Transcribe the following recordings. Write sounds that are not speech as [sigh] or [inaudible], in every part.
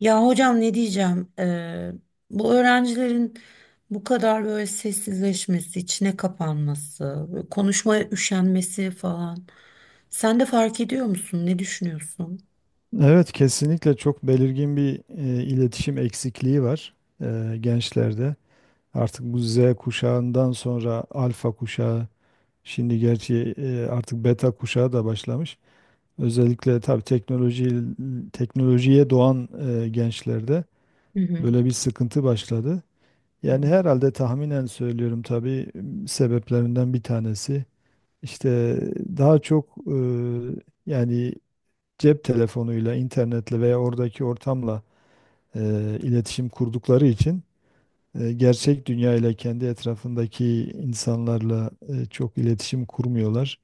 Ya hocam ne diyeceğim? Bu öğrencilerin bu kadar böyle sessizleşmesi, içine kapanması, böyle konuşmaya üşenmesi falan. Sen de fark ediyor musun? Ne düşünüyorsun? Evet, kesinlikle çok belirgin bir iletişim eksikliği var gençlerde. Artık bu Z kuşağından sonra alfa kuşağı, şimdi gerçi artık beta kuşağı da başlamış. Özellikle tabii teknolojiye doğan gençlerde Hı böyle bir sıkıntı başladı. hı. Yani herhalde tahminen söylüyorum tabii sebeplerinden bir tanesi işte daha çok yani cep telefonuyla, internetle veya oradaki ortamla e, iletişim kurdukları için gerçek dünya ile kendi etrafındaki insanlarla çok iletişim kurmuyorlar.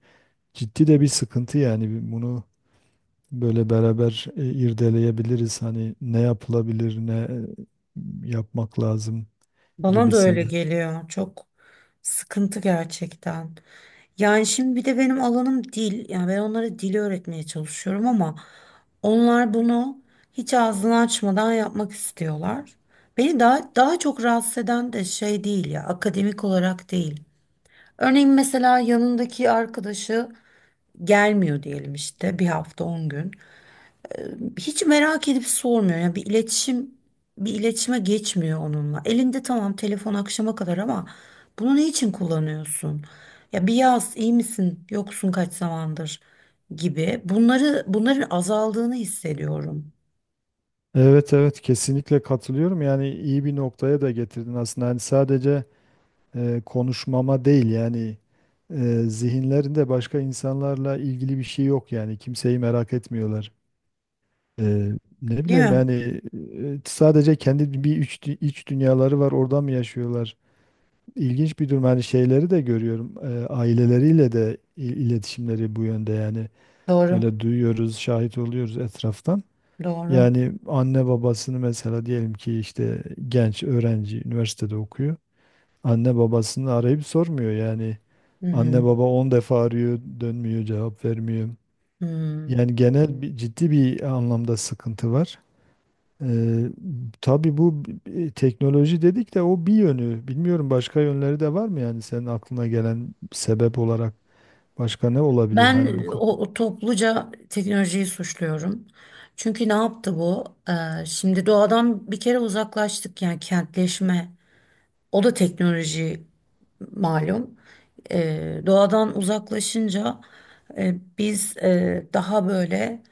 Ciddi de bir sıkıntı yani bunu böyle beraber irdeleyebiliriz. Hani ne yapılabilir, ne yapmak lazım Bana da öyle gibisinden. geliyor. Çok sıkıntı gerçekten. Yani şimdi bir de benim alanım dil. Yani ben onlara dili öğretmeye çalışıyorum ama onlar bunu hiç ağzını açmadan yapmak istiyorlar. Beni daha çok rahatsız eden de şey değil ya, akademik olarak değil. Örneğin mesela yanındaki arkadaşı gelmiyor diyelim işte bir hafta 10 gün. Hiç merak edip sormuyor. Yani bir iletişime geçmiyor onunla. Elinde tamam telefon akşama kadar ama bunu ne için kullanıyorsun? Ya bir yaz iyi misin? Yoksun kaç zamandır gibi. Bunların azaldığını hissediyorum. Evet evet, kesinlikle katılıyorum. Yani iyi bir noktaya da getirdin aslında. Hani sadece konuşmama değil yani zihinlerinde başka insanlarla ilgili bir şey yok, yani kimseyi merak etmiyorlar. Ee, Ne Değil bileyim, mi? yani sadece kendi iç dünyaları var, orada mı yaşıyorlar? İlginç bir durum. Hani şeyleri de görüyorum. Aileleriyle de iletişimleri bu yönde yani. Doğru. Öyle duyuyoruz, şahit oluyoruz etraftan. Doğru. Yani anne babasını mesela diyelim ki işte genç öğrenci üniversitede okuyor. Anne babasını arayıp sormuyor yani. Hı Anne hı. baba 10 defa arıyor, dönmüyor, cevap vermiyor. Hı. Yani genel bir ciddi bir anlamda sıkıntı var. Ee, tabii bu teknoloji dedik de o bir yönü. Bilmiyorum başka yönleri de var mı, yani senin aklına gelen sebep olarak başka ne olabilir hani Ben o topluca teknolojiyi suçluyorum. Çünkü ne yaptı bu? Şimdi doğadan bir kere uzaklaştık yani kentleşme. O da teknoloji malum. Doğadan uzaklaşınca biz daha böyle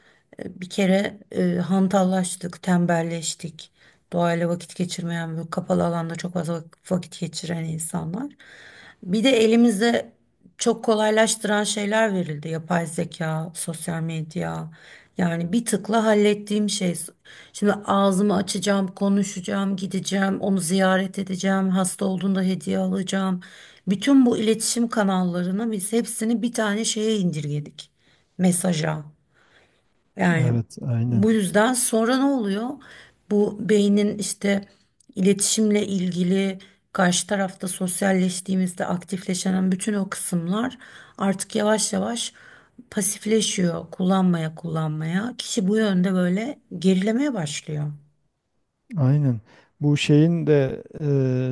bir kere hantallaştık, tembelleştik. Doğayla vakit geçirmeyen, böyle kapalı alanda çok fazla vakit geçiren insanlar. Bir de elimizde çok kolaylaştıran şeyler verildi. Yapay zeka, sosyal medya. Yani bir tıkla hallettiğim şey. Şimdi ağzımı açacağım, konuşacağım, gideceğim, onu ziyaret edeceğim, hasta olduğunda hediye alacağım. Bütün bu iletişim kanallarını biz hepsini bir tane şeye indirgedik. Mesaja. Yani Evet, aynen. bu yüzden sonra ne oluyor? Bu beynin işte iletişimle ilgili karşı tarafta sosyalleştiğimizde aktifleşen bütün o kısımlar artık yavaş yavaş pasifleşiyor kullanmaya kullanmaya. Kişi bu yönde böyle gerilemeye başlıyor. Aynen. Bu şeyin de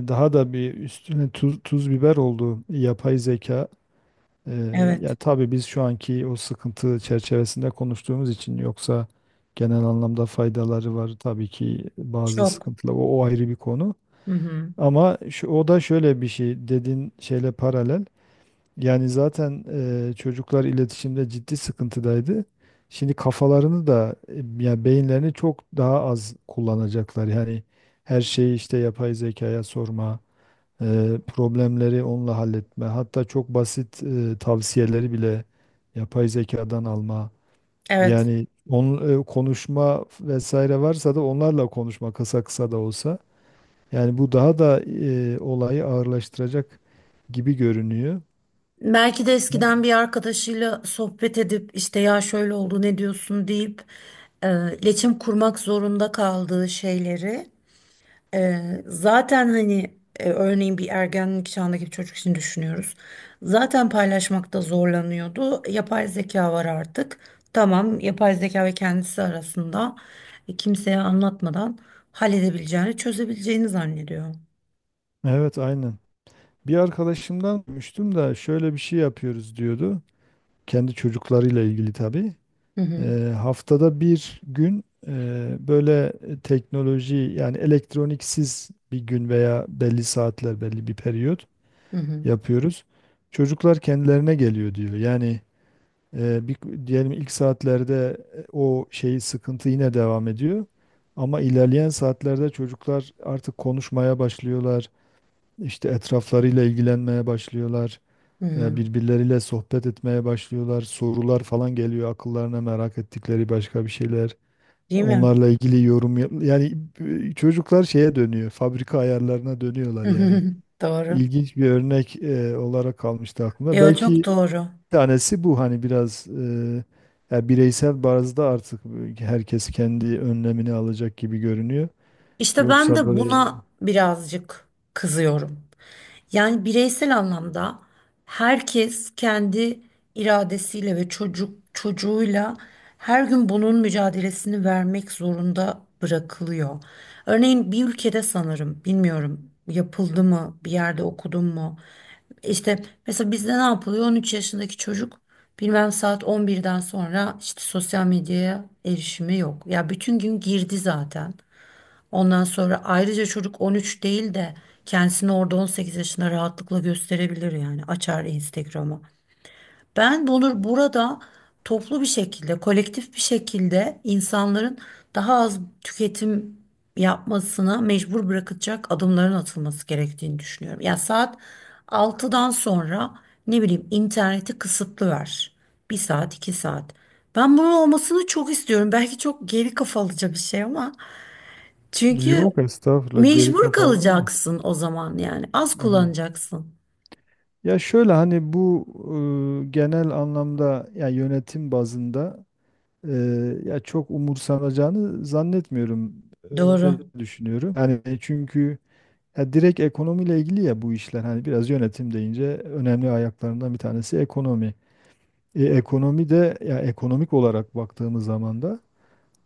daha da bir üstüne tuz, biber olduğu yapay zeka. E, Ya Evet, tabii biz şu anki o sıkıntı çerçevesinde konuştuğumuz için, yoksa genel anlamda faydaları var tabii ki. Bazı çok. sıkıntılar o o ayrı bir konu. Hı hı. Ama şu, o da şöyle bir şey, dediğin şeyle paralel. Yani zaten çocuklar iletişimde ciddi sıkıntıdaydı. Şimdi kafalarını da yani beyinlerini çok daha az kullanacaklar. Yani her şeyi işte yapay zekaya sorma, problemleri onunla halletme, hatta çok basit tavsiyeleri bile yapay zekadan alma. Evet. Yani onun konuşma vesaire varsa da onlarla konuşma, kısa kısa da olsa. Yani bu daha da olayı ağırlaştıracak gibi görünüyor. Belki de eskiden Ben- bir arkadaşıyla sohbet edip işte ya şöyle oldu ne diyorsun deyip iletişim kurmak zorunda kaldığı şeyleri. Zaten hani örneğin bir ergenlik çağındaki bir çocuk için düşünüyoruz. Zaten paylaşmakta zorlanıyordu. Yapay zeka var artık. Tamam, yapay zeka ve kendisi arasında kimseye anlatmadan halledebileceğini, çözebileceğini zannediyor. Evet, aynen. Bir arkadaşımdan duymuştum da şöyle bir şey yapıyoruz diyordu. Kendi çocuklarıyla ilgili tabii. Hı hı, Haftada bir gün böyle teknoloji, yani elektroniksiz bir gün veya belli saatler, belli bir periyot hı hı, yapıyoruz. Çocuklar kendilerine geliyor diyor. Yani Eee, bir, diyelim ilk saatlerde o şey sıkıntı yine devam ediyor. Ama ilerleyen saatlerde çocuklar artık konuşmaya başlıyorlar. İşte etraflarıyla ilgilenmeye başlıyorlar. hı hı. Birbirleriyle sohbet etmeye başlıyorlar. Sorular falan geliyor akıllarına, merak ettikleri başka bir şeyler. Değil mi? Onlarla ilgili yani çocuklar şeye dönüyor. Fabrika ayarlarına dönüyorlar yani. [laughs] Doğru. İlginç bir örnek olarak kalmıştı aklımda. Ya çok Belki doğru. tanesi bu, hani biraz ya bireysel bazda artık herkes kendi önlemini alacak gibi görünüyor. İşte ben Yoksa de böyle buna birazcık kızıyorum. Yani bireysel anlamda herkes kendi iradesiyle ve çocuk çocuğuyla her gün bunun mücadelesini vermek zorunda bırakılıyor. Örneğin bir ülkede sanırım, bilmiyorum yapıldı mı, bir yerde okudum mu? İşte mesela bizde ne yapılıyor? 13 yaşındaki çocuk bilmem saat 11'den sonra işte sosyal medyaya erişimi yok. Ya bütün gün girdi zaten. Ondan sonra ayrıca çocuk 13 değil de kendisini orada 18 yaşında rahatlıkla gösterebilir yani açar Instagram'ı. Ben bunu burada toplu bir şekilde, kolektif bir şekilde insanların daha az tüketim yapmasına mecbur bırakacak adımların atılması gerektiğini düşünüyorum. Ya saat 6'dan sonra ne bileyim interneti kısıtlı ver. 1 saat, 2 saat. Ben bunun olmasını çok istiyorum. Belki çok geri kafalıca bir şey ama çünkü yok estağfurullah, geri mecbur kapalı değil mi? kalacaksın o zaman yani. Az Aynen. kullanacaksın. Ya şöyle hani bu genel anlamda ya yönetim bazında e, ya çok umursanacağını zannetmiyorum. Doğru. Öyle düşünüyorum. Yani çünkü ya direkt ekonomiyle ilgili ya bu işler, hani biraz yönetim deyince önemli ayaklarından bir tanesi ekonomi. E, ekonomi de ya ekonomik olarak baktığımız zaman da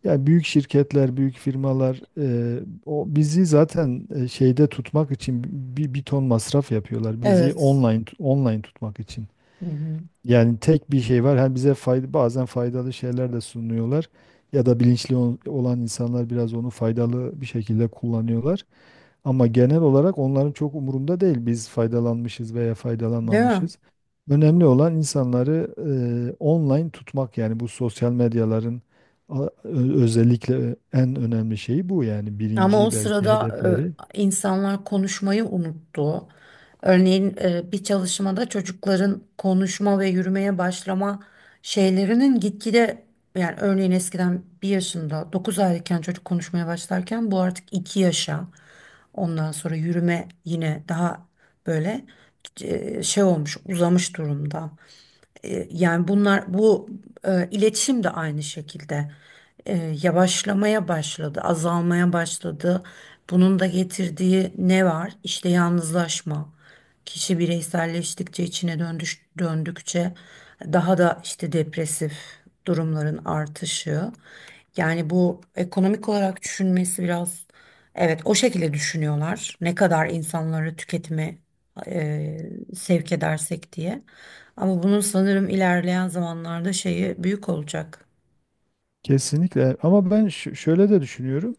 ya büyük şirketler, büyük firmalar o bizi zaten şeyde tutmak için bir ton masraf yapıyorlar. Bizi Evet. Online tutmak için. Hı hı. Yani tek bir şey var. Hem bize fayda, bazen faydalı şeyler de sunuyorlar ya da olan insanlar biraz onu faydalı bir şekilde kullanıyorlar. Ama genel olarak onların çok umurunda değil biz faydalanmışız veya Değil mi? faydalanmamışız. Önemli olan insanları online tutmak, yani bu sosyal medyaların özellikle en önemli şeyi bu, yani Ama o birinci belki sırada hedefleri. İnsanlar konuşmayı unuttu. Örneğin bir çalışmada çocukların konuşma ve yürümeye başlama şeylerinin gitgide, yani örneğin eskiden 1 yaşında 9 aylıkken çocuk konuşmaya başlarken bu artık 2 yaşa. Ondan sonra yürüme yine daha böyle şey olmuş uzamış durumda. Yani bunlar bu iletişim de aynı şekilde e, yavaşlamaya başladı, azalmaya başladı. Bunun da getirdiği ne var? İşte yalnızlaşma. Kişi bireyselleştikçe, içine döndükçe daha da işte depresif durumların artışı. Yani bu ekonomik olarak düşünmesi biraz evet o şekilde düşünüyorlar. Ne kadar insanları tüketime e, sevk edersek diye. Ama bunun sanırım ilerleyen zamanlarda şeyi büyük olacak. Kesinlikle, ama ben şöyle de düşünüyorum.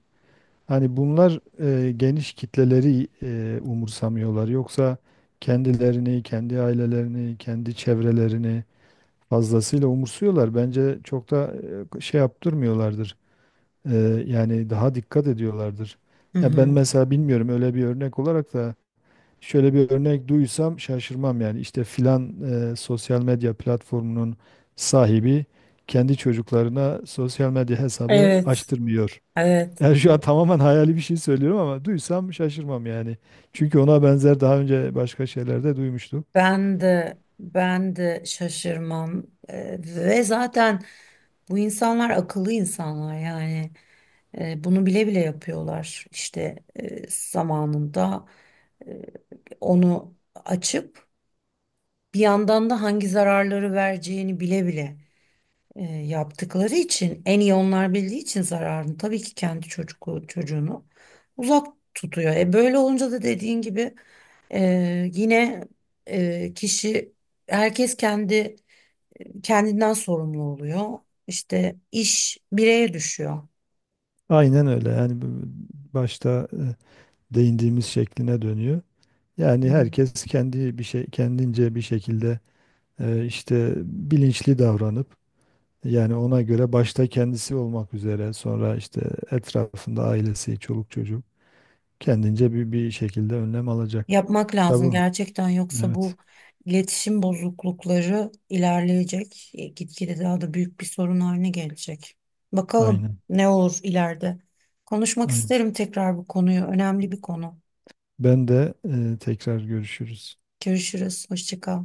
Hani bunlar geniş kitleleri umursamıyorlar. Yoksa kendilerini, kendi ailelerini, kendi çevrelerini fazlasıyla umursuyorlar. Bence çok da şey yaptırmıyorlardır. Yani daha dikkat ediyorlardır. Hı Ya ben hı. mesela bilmiyorum, öyle bir örnek olarak da şöyle bir örnek duysam şaşırmam yani, işte filan sosyal medya platformunun sahibi kendi çocuklarına sosyal medya hesabı Evet. açtırmıyor. [laughs] Evet. Yani şu an tamamen hayali bir şey söylüyorum ama duysam şaşırmam yani. Çünkü ona benzer daha önce başka şeylerde duymuştum. Ben de şaşırmam. Ve zaten bu insanlar akıllı insanlar yani. Bunu bile bile yapıyorlar işte zamanında e, onu açıp bir yandan da hangi zararları vereceğini bile bile yaptıkları için en iyi onlar bildiği için zararını tabii ki kendi çocuğunu uzak tutuyor. E böyle olunca da dediğin gibi yine e, kişi herkes kendi kendinden sorumlu oluyor. İşte iş bireye düşüyor. Aynen öyle yani başta değindiğimiz şekline dönüyor. Yani herkes kendi bir şey, kendince bir şekilde işte bilinçli davranıp, yani ona göre başta kendisi olmak üzere sonra işte etrafında ailesi, çoluk çocuk kendince bir şekilde önlem alacak. Yapmak lazım Tabii. gerçekten yoksa bu Evet. iletişim bozuklukları ilerleyecek. Gitgide daha da büyük bir sorun haline gelecek. Bakalım Aynen. ne olur ileride. Konuşmak Aynen. isterim tekrar bu konuyu. Önemli bir konu. Ben de tekrar görüşürüz. Görüşürüz. Hoşça kal.